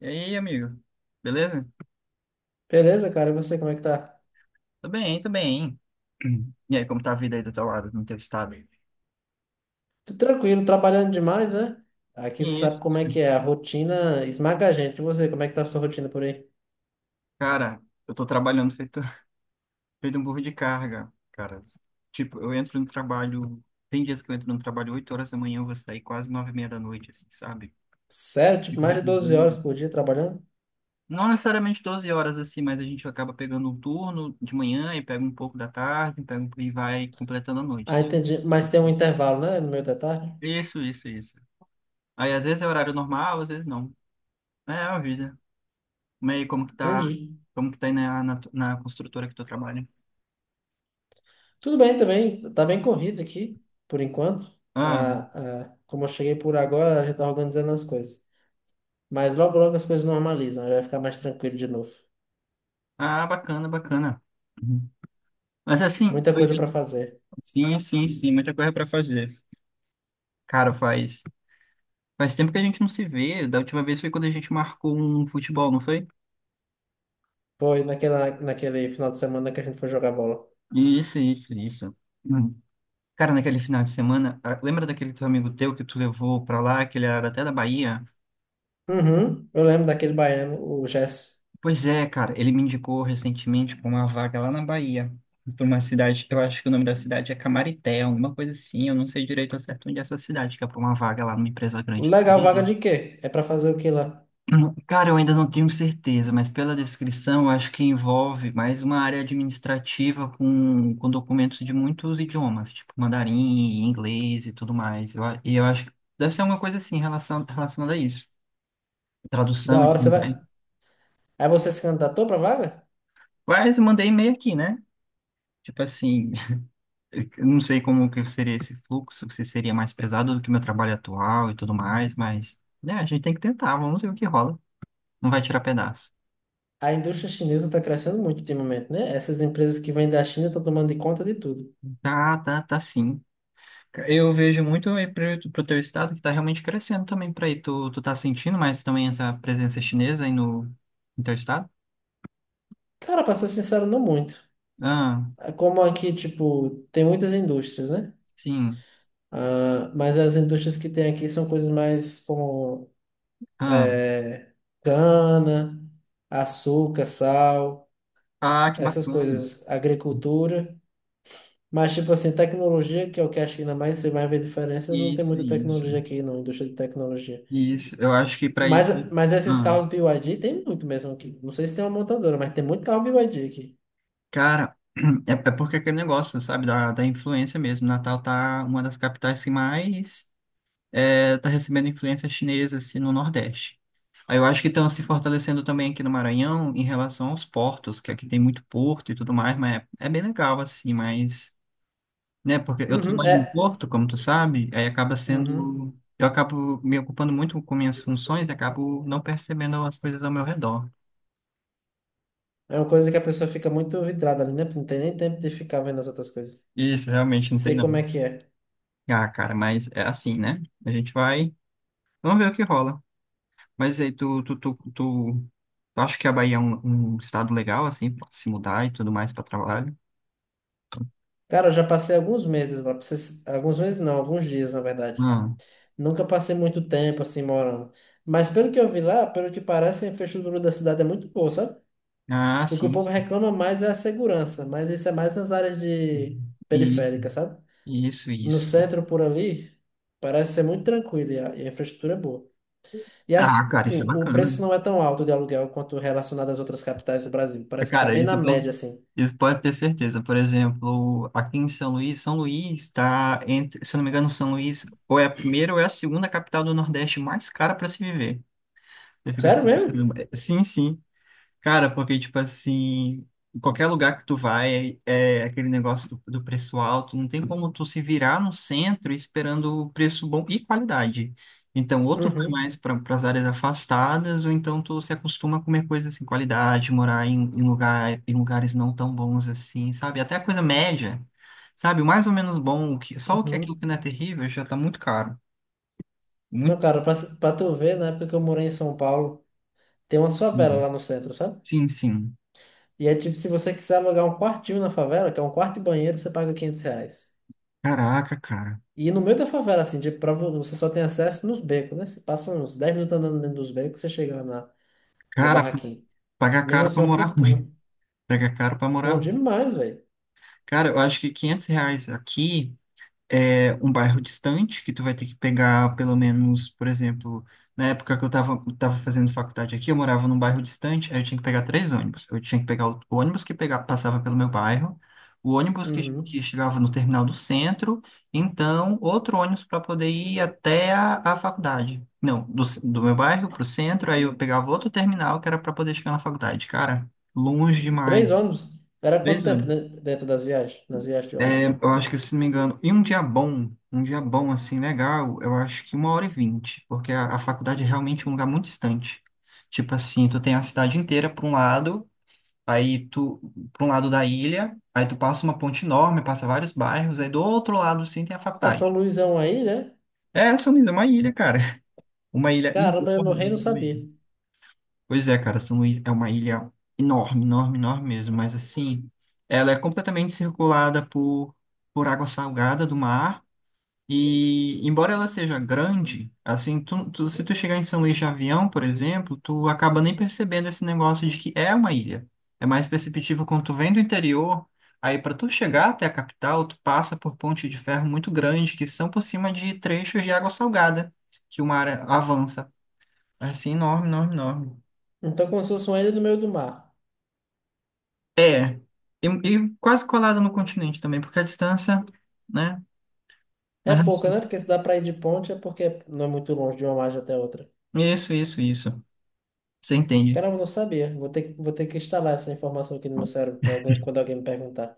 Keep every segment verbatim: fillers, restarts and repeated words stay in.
E aí, amigo? Beleza? Beleza, cara? E você, como é que tá? Tô bem, tô bem. E aí, como tá a vida aí do teu lado, no teu estado? Tudo tranquilo, trabalhando demais, né? Aqui você sabe como Isso. é que é, a rotina esmaga a gente. E você, como é que tá a sua rotina por aí? Cara, eu tô trabalhando feito, feito um burro de carga, cara. Tipo, eu entro no trabalho... Tem dias que eu entro no trabalho oito horas da manhã, eu vou sair quase nove e meia da noite, assim, sabe? Sério? Tipo, Fico mais de doze horas revisando. por dia trabalhando? Não necessariamente doze horas, assim, mas a gente acaba pegando um turno de manhã e pega um pouco da tarde, pega um- e vai completando a noite, Ah, sabe? entendi. Mas tem um intervalo, né? No meio da tarde? Isso, isso, isso. Aí, às vezes é horário normal, às vezes não. É a vida. Mas aí, como que tá, Entendi. como que tá aí na, na, tu- na construtora que tu trabalha? Tudo bem também, tá bem corrido aqui, por enquanto. Ah, Ah, ah, como eu cheguei por agora, a gente tá organizando as coisas. Mas logo, logo as coisas normalizam, aí vai ficar mais tranquilo de novo. ah, bacana, bacana. Uhum. Mas assim, Muita eu coisa pra diria- fazer. sim, sim, sim, muita coisa para fazer. Cara, faz, faz tempo que a gente não se vê. Da última vez foi quando a gente marcou um futebol, não foi? Foi naquela, naquele final de semana que a gente foi jogar bola. Isso, isso, isso. Uhum. Cara, naquele final de semana, ah, lembra daquele teu amigo teu que tu levou pra lá, que ele era até da Bahia? Uhum, eu lembro daquele baiano, o Gesso. Pois é, cara, ele me indicou recentemente para uma vaga lá na Bahia, para uma cidade, eu acho que o nome da cidade é Camarité, alguma coisa assim, eu não sei direito ao certo onde é essa cidade, que é para uma vaga lá numa empresa grande, da Legal, vaga mídia. de quê? É pra fazer o quê lá? Cara, eu ainda não tenho certeza, mas pela descrição, eu acho que envolve mais uma área administrativa com, com documentos de muitos idiomas, tipo mandarim, inglês e tudo mais. Eu, a- e eu acho que deve ser alguma coisa assim relacion- relacionada a isso, tradução Da e hora, você tudo vai. mais. Aí você se candidatou pra vaga? Mas eu mandei e-mail aqui, né? Tipo assim. Eu não sei como que seria esse fluxo, se seria mais pesado do que meu trabalho atual e tudo mais, mas né, a gente tem que tentar, vamos ver o que rola. Não vai tirar pedaço. A indústria chinesa tá crescendo muito ultimamente, né? Essas empresas que vêm da China estão tomando de conta de tudo. Tá, tá, tá sim. Eu vejo muito aí pro, pro teu estado que tá realmente crescendo também para aí. Tu, tu tá sentindo mais também essa presença chinesa aí no, no teu estado? Cara, pra ser sincero, não muito. Ah, É como aqui, tipo, tem muitas indústrias, né? sim. Ah, mas as indústrias que tem aqui são coisas mais como Ah, é, cana, açúcar, sal, ah, que essas bacana. coisas, agricultura. Mas, tipo assim, tecnologia, que é o que a China mais, você vai ver diferença, não tem Isso, muita isso. tecnologia aqui, não, indústria de tecnologia. Isso. Eu acho que para Mas, isso. mas esses Ah. carros B Y D tem muito mesmo aqui. Não sei se tem uma montadora, mas tem muito carro B Y D aqui. Cara, é, é porque é aquele negócio, sabe, da, da influência mesmo. Natal tá uma das capitais que mais é, tá recebendo influência chinesa assim, no Nordeste. Aí eu acho que estão se fortalecendo também aqui no Maranhão em relação aos portos, que aqui tem muito porto e tudo mais, mas é, é bem legal assim, mas, né, porque eu Uhum, trabalho no é. porto, como tu sabe, aí acaba Uhum. sendo, eu acabo me ocupando muito com minhas funções e acabo não percebendo as coisas ao meu redor. É uma coisa que a pessoa fica muito vidrada ali, né? Não tem nem tempo de ficar vendo as outras coisas. Isso, realmente não tem Sei como é não. que é. Ah, cara, mas é assim, né? A gente vai Vamos ver o que rola. Mas aí, tu, tu, tu, tu, tu acha que a Bahia é um, um estado legal, assim, pra se mudar e tudo mais para trabalho? Cara, eu já passei alguns meses lá. pra vocês- Alguns meses não, alguns dias, na verdade. Ah, Nunca passei muito tempo assim morando. Mas pelo que eu vi lá, pelo que parece, a infraestrutura da cidade é muito boa, sabe? ah, O que o sim, povo sim. reclama mais é a segurança, mas isso é mais nas áreas de Isso, periféricas, sabe? isso, No isso. centro por ali, parece ser muito tranquilo e a, e a infraestrutura é boa. E Ah, cara, isso é assim, o bacana, né? preço não é tão alto de aluguel quanto relacionado às outras capitais do Brasil. Parece que tá Cara, bem na isso, pode- média, assim. isso pode ter certeza. Por exemplo, aqui em São Luís, São Luís está entre, se eu não me engano, São Luís ou é a primeira ou é a segunda capital do Nordeste mais cara para se viver. Eu fico Sério assim, mesmo? caramba. É, sim, sim. Cara, porque, tipo assim, em qualquer lugar que tu vai, é é aquele negócio do, do preço alto, não tem como tu se virar no centro esperando o preço bom e qualidade. Então, ou tu vai mais Uhum, para as áreas afastadas, ou então tu se acostuma a comer coisas assim, qualidade, morar em, em lugar, em lugares não tão bons assim, sabe? Até a coisa média, sabe? O mais ou menos bom, o que, só o que aquilo uhum. que não é terrível já tá muito caro. Não, Muito. cara, pra, pra tu ver, na época que eu morei em São Paulo, tem uma favela lá no centro, sabe? Sim, sim. E é tipo, se você quiser alugar um quartinho na favela, que é um quarto e banheiro, você paga quinhentos reais. Caraca, cara. E no meio da favela, assim, de prova, você só tem acesso nos becos, né? Você passa uns dez minutos andando dentro dos becos, você chega lá na, no Cara, barraquinho. pagar Mesmo caro pra assim, é uma morar fortuna. ruim. Pega caro pra Não, morar. demais, velho. Cara, eu acho que quinhentos reais aqui é um bairro distante, que tu vai ter que pegar pelo menos, por exemplo, na época que eu tava, tava fazendo faculdade aqui, eu morava num bairro distante, aí eu tinha que pegar três ônibus. Eu tinha que pegar o ônibus que pegava, passava pelo meu bairro, o ônibus que, Uhum. que chegava no terminal do centro, então outro ônibus para poder ir até a, a faculdade. Não, do, c- do meu bairro pro centro, aí eu pegava outro terminal que era para poder chegar na faculdade. Cara, longe Três demais. ônibus. Era quanto Três tempo ônibus. de- Dentro das viagens? Nas viagens de É, ônibus? eu acho que, se não me engano, e um dia bom, um dia bom, assim, legal, eu acho que uma hora e vinte, porque a, a faculdade é realmente um lugar muito distante. Tipo assim, tu tem a cidade inteira para um lado, aí tu, para um lado da ilha, aí tu passa uma ponte enorme, passa vários bairros, aí do outro lado, sim, tem a Ah, São faculdade. Luizão aí, né? É, São Luís é uma ilha, cara. Uma ilha Caramba, eu no rei não sabia. enorme. Pois é, cara, São Luís é uma ilha enorme, enorme, enorme mesmo, mas assim, ela é completamente circulada por, por água salgada do mar. E embora ela seja grande, assim, tu, tu- se tu chegar em São Luís de avião, por exemplo, tu acaba nem percebendo esse negócio de que é uma ilha. É mais perceptível quando tu vem do interior, aí para tu chegar até a capital, tu passa por pontes de ferro muito grandes que são por cima de trechos de água salgada, que o mar avança. É, assim, enorme, enorme, enorme. Então, como se fosse uma ilha no meio do mar. É, e, e quase colada no continente também, porque a distância, né? É Mas, pouca, assim, né? Porque se dá pra ir de ponte, é porque não é muito longe de uma margem até outra. isso, isso, isso. Você entende. Caramba, eu não sabia. Vou ter, que- vou ter que instalar essa informação aqui no meu cérebro pra alguém- quando alguém me perguntar.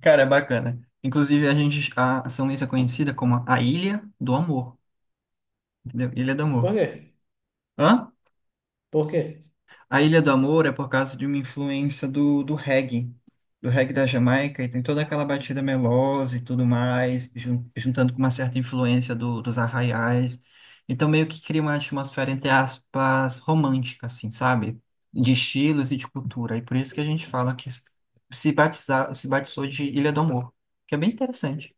Cara, é bacana. Inclusive, a gente, a São Luís é conhecida como a Ilha do Amor, entendeu? Ilha do Por Amor. quê? Hã? Por quê? A Ilha do Amor é por causa de uma influência do, do reggae, do reggae da Jamaica, e tem toda aquela batida melosa e tudo mais, jun- juntando com uma certa influência do- dos arraiais. Então, meio que cria uma atmosfera, entre aspas, romântica, assim, sabe? De estilos e de cultura. E por isso que a gente fala que se batizar, se batizou de Ilha do Amor, que é bem interessante.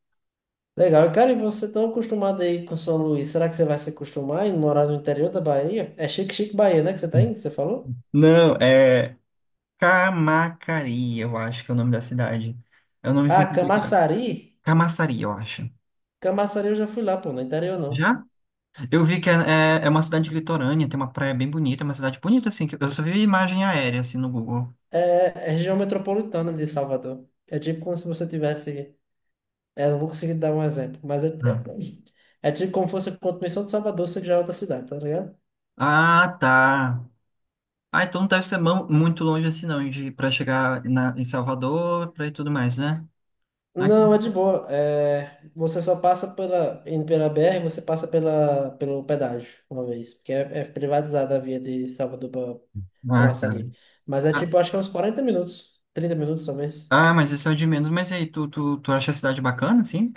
Legal. Cara, e você tão acostumado aí com São Luís, será que você vai se acostumar em morar no interior da Bahia? É Chique Chique Bahia, né, que você tá indo, você falou? Não, é Camacari, eu acho que é o nome da cidade. É um nome Ah, sempre complicado. Camaçari? Camaçari, eu acho. Camaçari eu já fui lá, pô, no interior não. Já? Eu vi que é, é, é uma cidade litorânea, tem uma praia bem bonita, é uma cidade bonita, assim, que eu só vi imagem aérea, assim, no Google. É, é região metropolitana de Salvador. É tipo como se você tivesse... É, não vou conseguir dar um exemplo, mas é, é Hum. é tipo como se fosse a continuação de Salvador, só que já é outra cidade, tá ligado? Ah, tá. Ah, então não deve ser mão- muito longe assim, não, de para chegar na, em Salvador, para e tudo mais, né? Aqui. Não, é de boa. É, você só passa pela, indo pela B R, você passa pela, pelo pedágio uma vez, porque é, é privatizada a via de Salvador para Ah, cara. Camaçari. Mas é Ah, tipo, acho que é uns quarenta minutos, trinta minutos talvez. ah, mas isso é o de menos. Mas e aí, tu, tu, tu acha a cidade bacana, assim?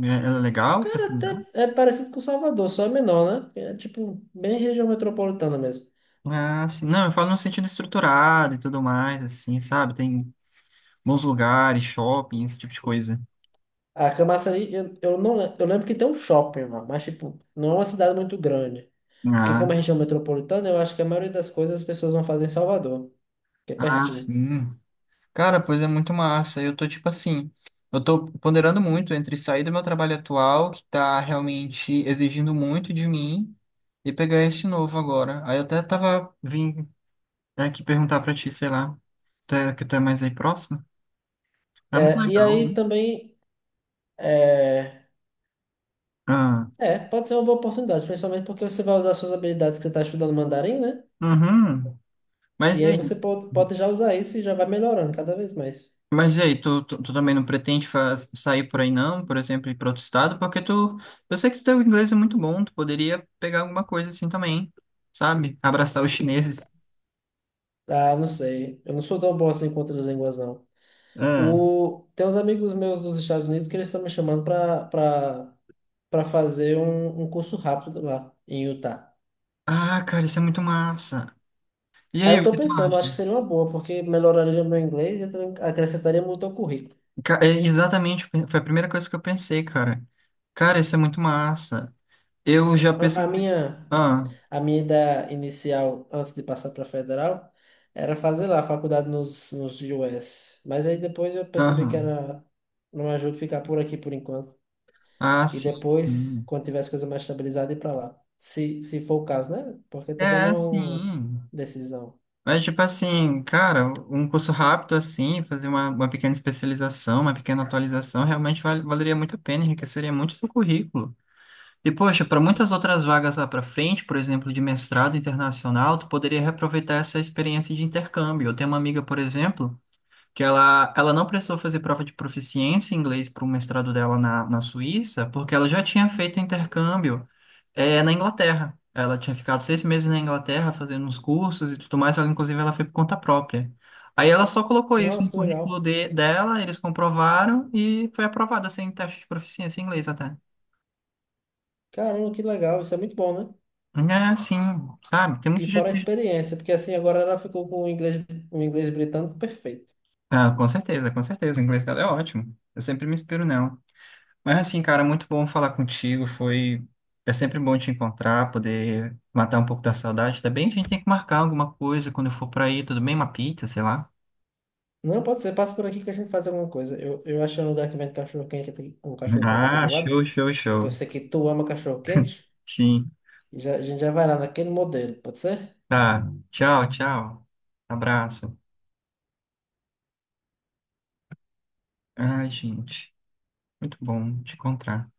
É- Ela é legal pra Cara, se morar? até é parecido com Salvador, só é menor, né? É tipo, bem região metropolitana mesmo. Ah, sim. Não, eu falo no sentido estruturado e tudo mais, assim, sabe? Tem bons lugares, shopping, esse tipo de coisa. A Camaçari, eu, eu não lembro, eu lembro que tem um shopping lá, mas tipo, não é uma cidade muito grande. Porque como Ah, é região metropolitana, eu acho que a maioria das coisas as pessoas vão fazer em Salvador, que é ah, pertinho. sim. Cara, pois é muito massa. Eu tô tipo assim, eu tô ponderando muito entre sair do meu trabalho atual, que tá realmente exigindo muito de mim, e pegar esse novo agora. Aí eu até tava vim aqui perguntar pra ti, sei lá, tu é, que tu é mais aí próximo? É muito É, e legal, aí né? também é, Ah, é, pode ser uma boa oportunidade, principalmente porque você vai usar suas habilidades que você está estudando mandarim, né? uhum. Mas E e aí aí? você pode, pode já usar isso e já vai melhorando cada vez mais. Mas e aí, tu, tu, tu também não pretende faz, sair por aí não, por exemplo, ir para outro estado? Porque tu, eu sei que teu inglês é muito bom, tu poderia pegar alguma coisa assim também, sabe? Abraçar os chineses. Ah, não sei. Eu não sou tão bom assim com outras línguas, não. Ah, O, tem uns amigos meus dos Estados Unidos que eles estão me chamando para para para fazer um, um curso rápido lá em Utah. ah, cara, isso é muito massa. E Aí aí, eu o tô que tu pensando, acho que acha? seria uma boa, porque melhoraria meu inglês e também acrescentaria muito ao currículo. Ca- é, Exatamente, foi a primeira coisa que eu pensei, cara. Cara, isso é muito massa. Eu já A, a pesquisei. minha Ah, A minha ideia inicial, antes de passar para federal, era fazer lá a faculdade nos, nos U S. Mas aí depois eu percebi que aham. era não ajuda ficar por aqui por enquanto. Ah, E sim, depois, sim. quando tiver as coisas mais estabilizadas, ir para lá. Se, se for o caso, né? Porque também não É, é uma sim. decisão. Mas, tipo assim, cara, um curso rápido assim, fazer uma, uma pequena especialização, uma pequena atualização, realmente val- valeria muito a pena, enriqueceria muito o seu currículo. E, poxa, para muitas outras vagas lá para frente, por exemplo, de mestrado internacional, tu poderia reaproveitar essa experiência de intercâmbio. Eu tenho uma amiga, por exemplo que ela, ela não precisou fazer prova de proficiência em inglês para o mestrado dela na, na Suíça, porque ela já tinha feito intercâmbio é, na Inglaterra. Ela tinha ficado seis meses na Inglaterra fazendo uns cursos e tudo mais, ela, inclusive ela foi por conta própria. Aí ela só colocou isso Nossa, no que currículo legal. de- dela, eles comprovaram e foi aprovada sem teste de proficiência em inglês até. Caramba, que legal. Isso é muito bom, né? É, sim, sabe? Tem E muito jeito fora a de... experiência, porque assim agora ela ficou com o inglês, o inglês britânico perfeito. Ah, com certeza, com certeza. O inglês dela é ótimo. Eu sempre me inspiro nela. Mas assim, cara, muito bom falar contigo. Foi. É sempre bom te encontrar, poder matar um pouco da saudade. Também a gente tem que marcar alguma coisa quando eu for pra aí, tudo bem? Uma pizza, sei lá. Não, pode ser. Passa por aqui que a gente faz alguma coisa. Eu, eu achei um lugar que vende cachorro quente, um cachorro quente aqui Ah, do lado. show, show, Que eu show. sei que tu ama cachorro quente. Sim. E já, a gente já vai lá naquele modelo, pode ser? Tá. Tchau, tchau. Abraço. Ai, gente. Muito bom te encontrar.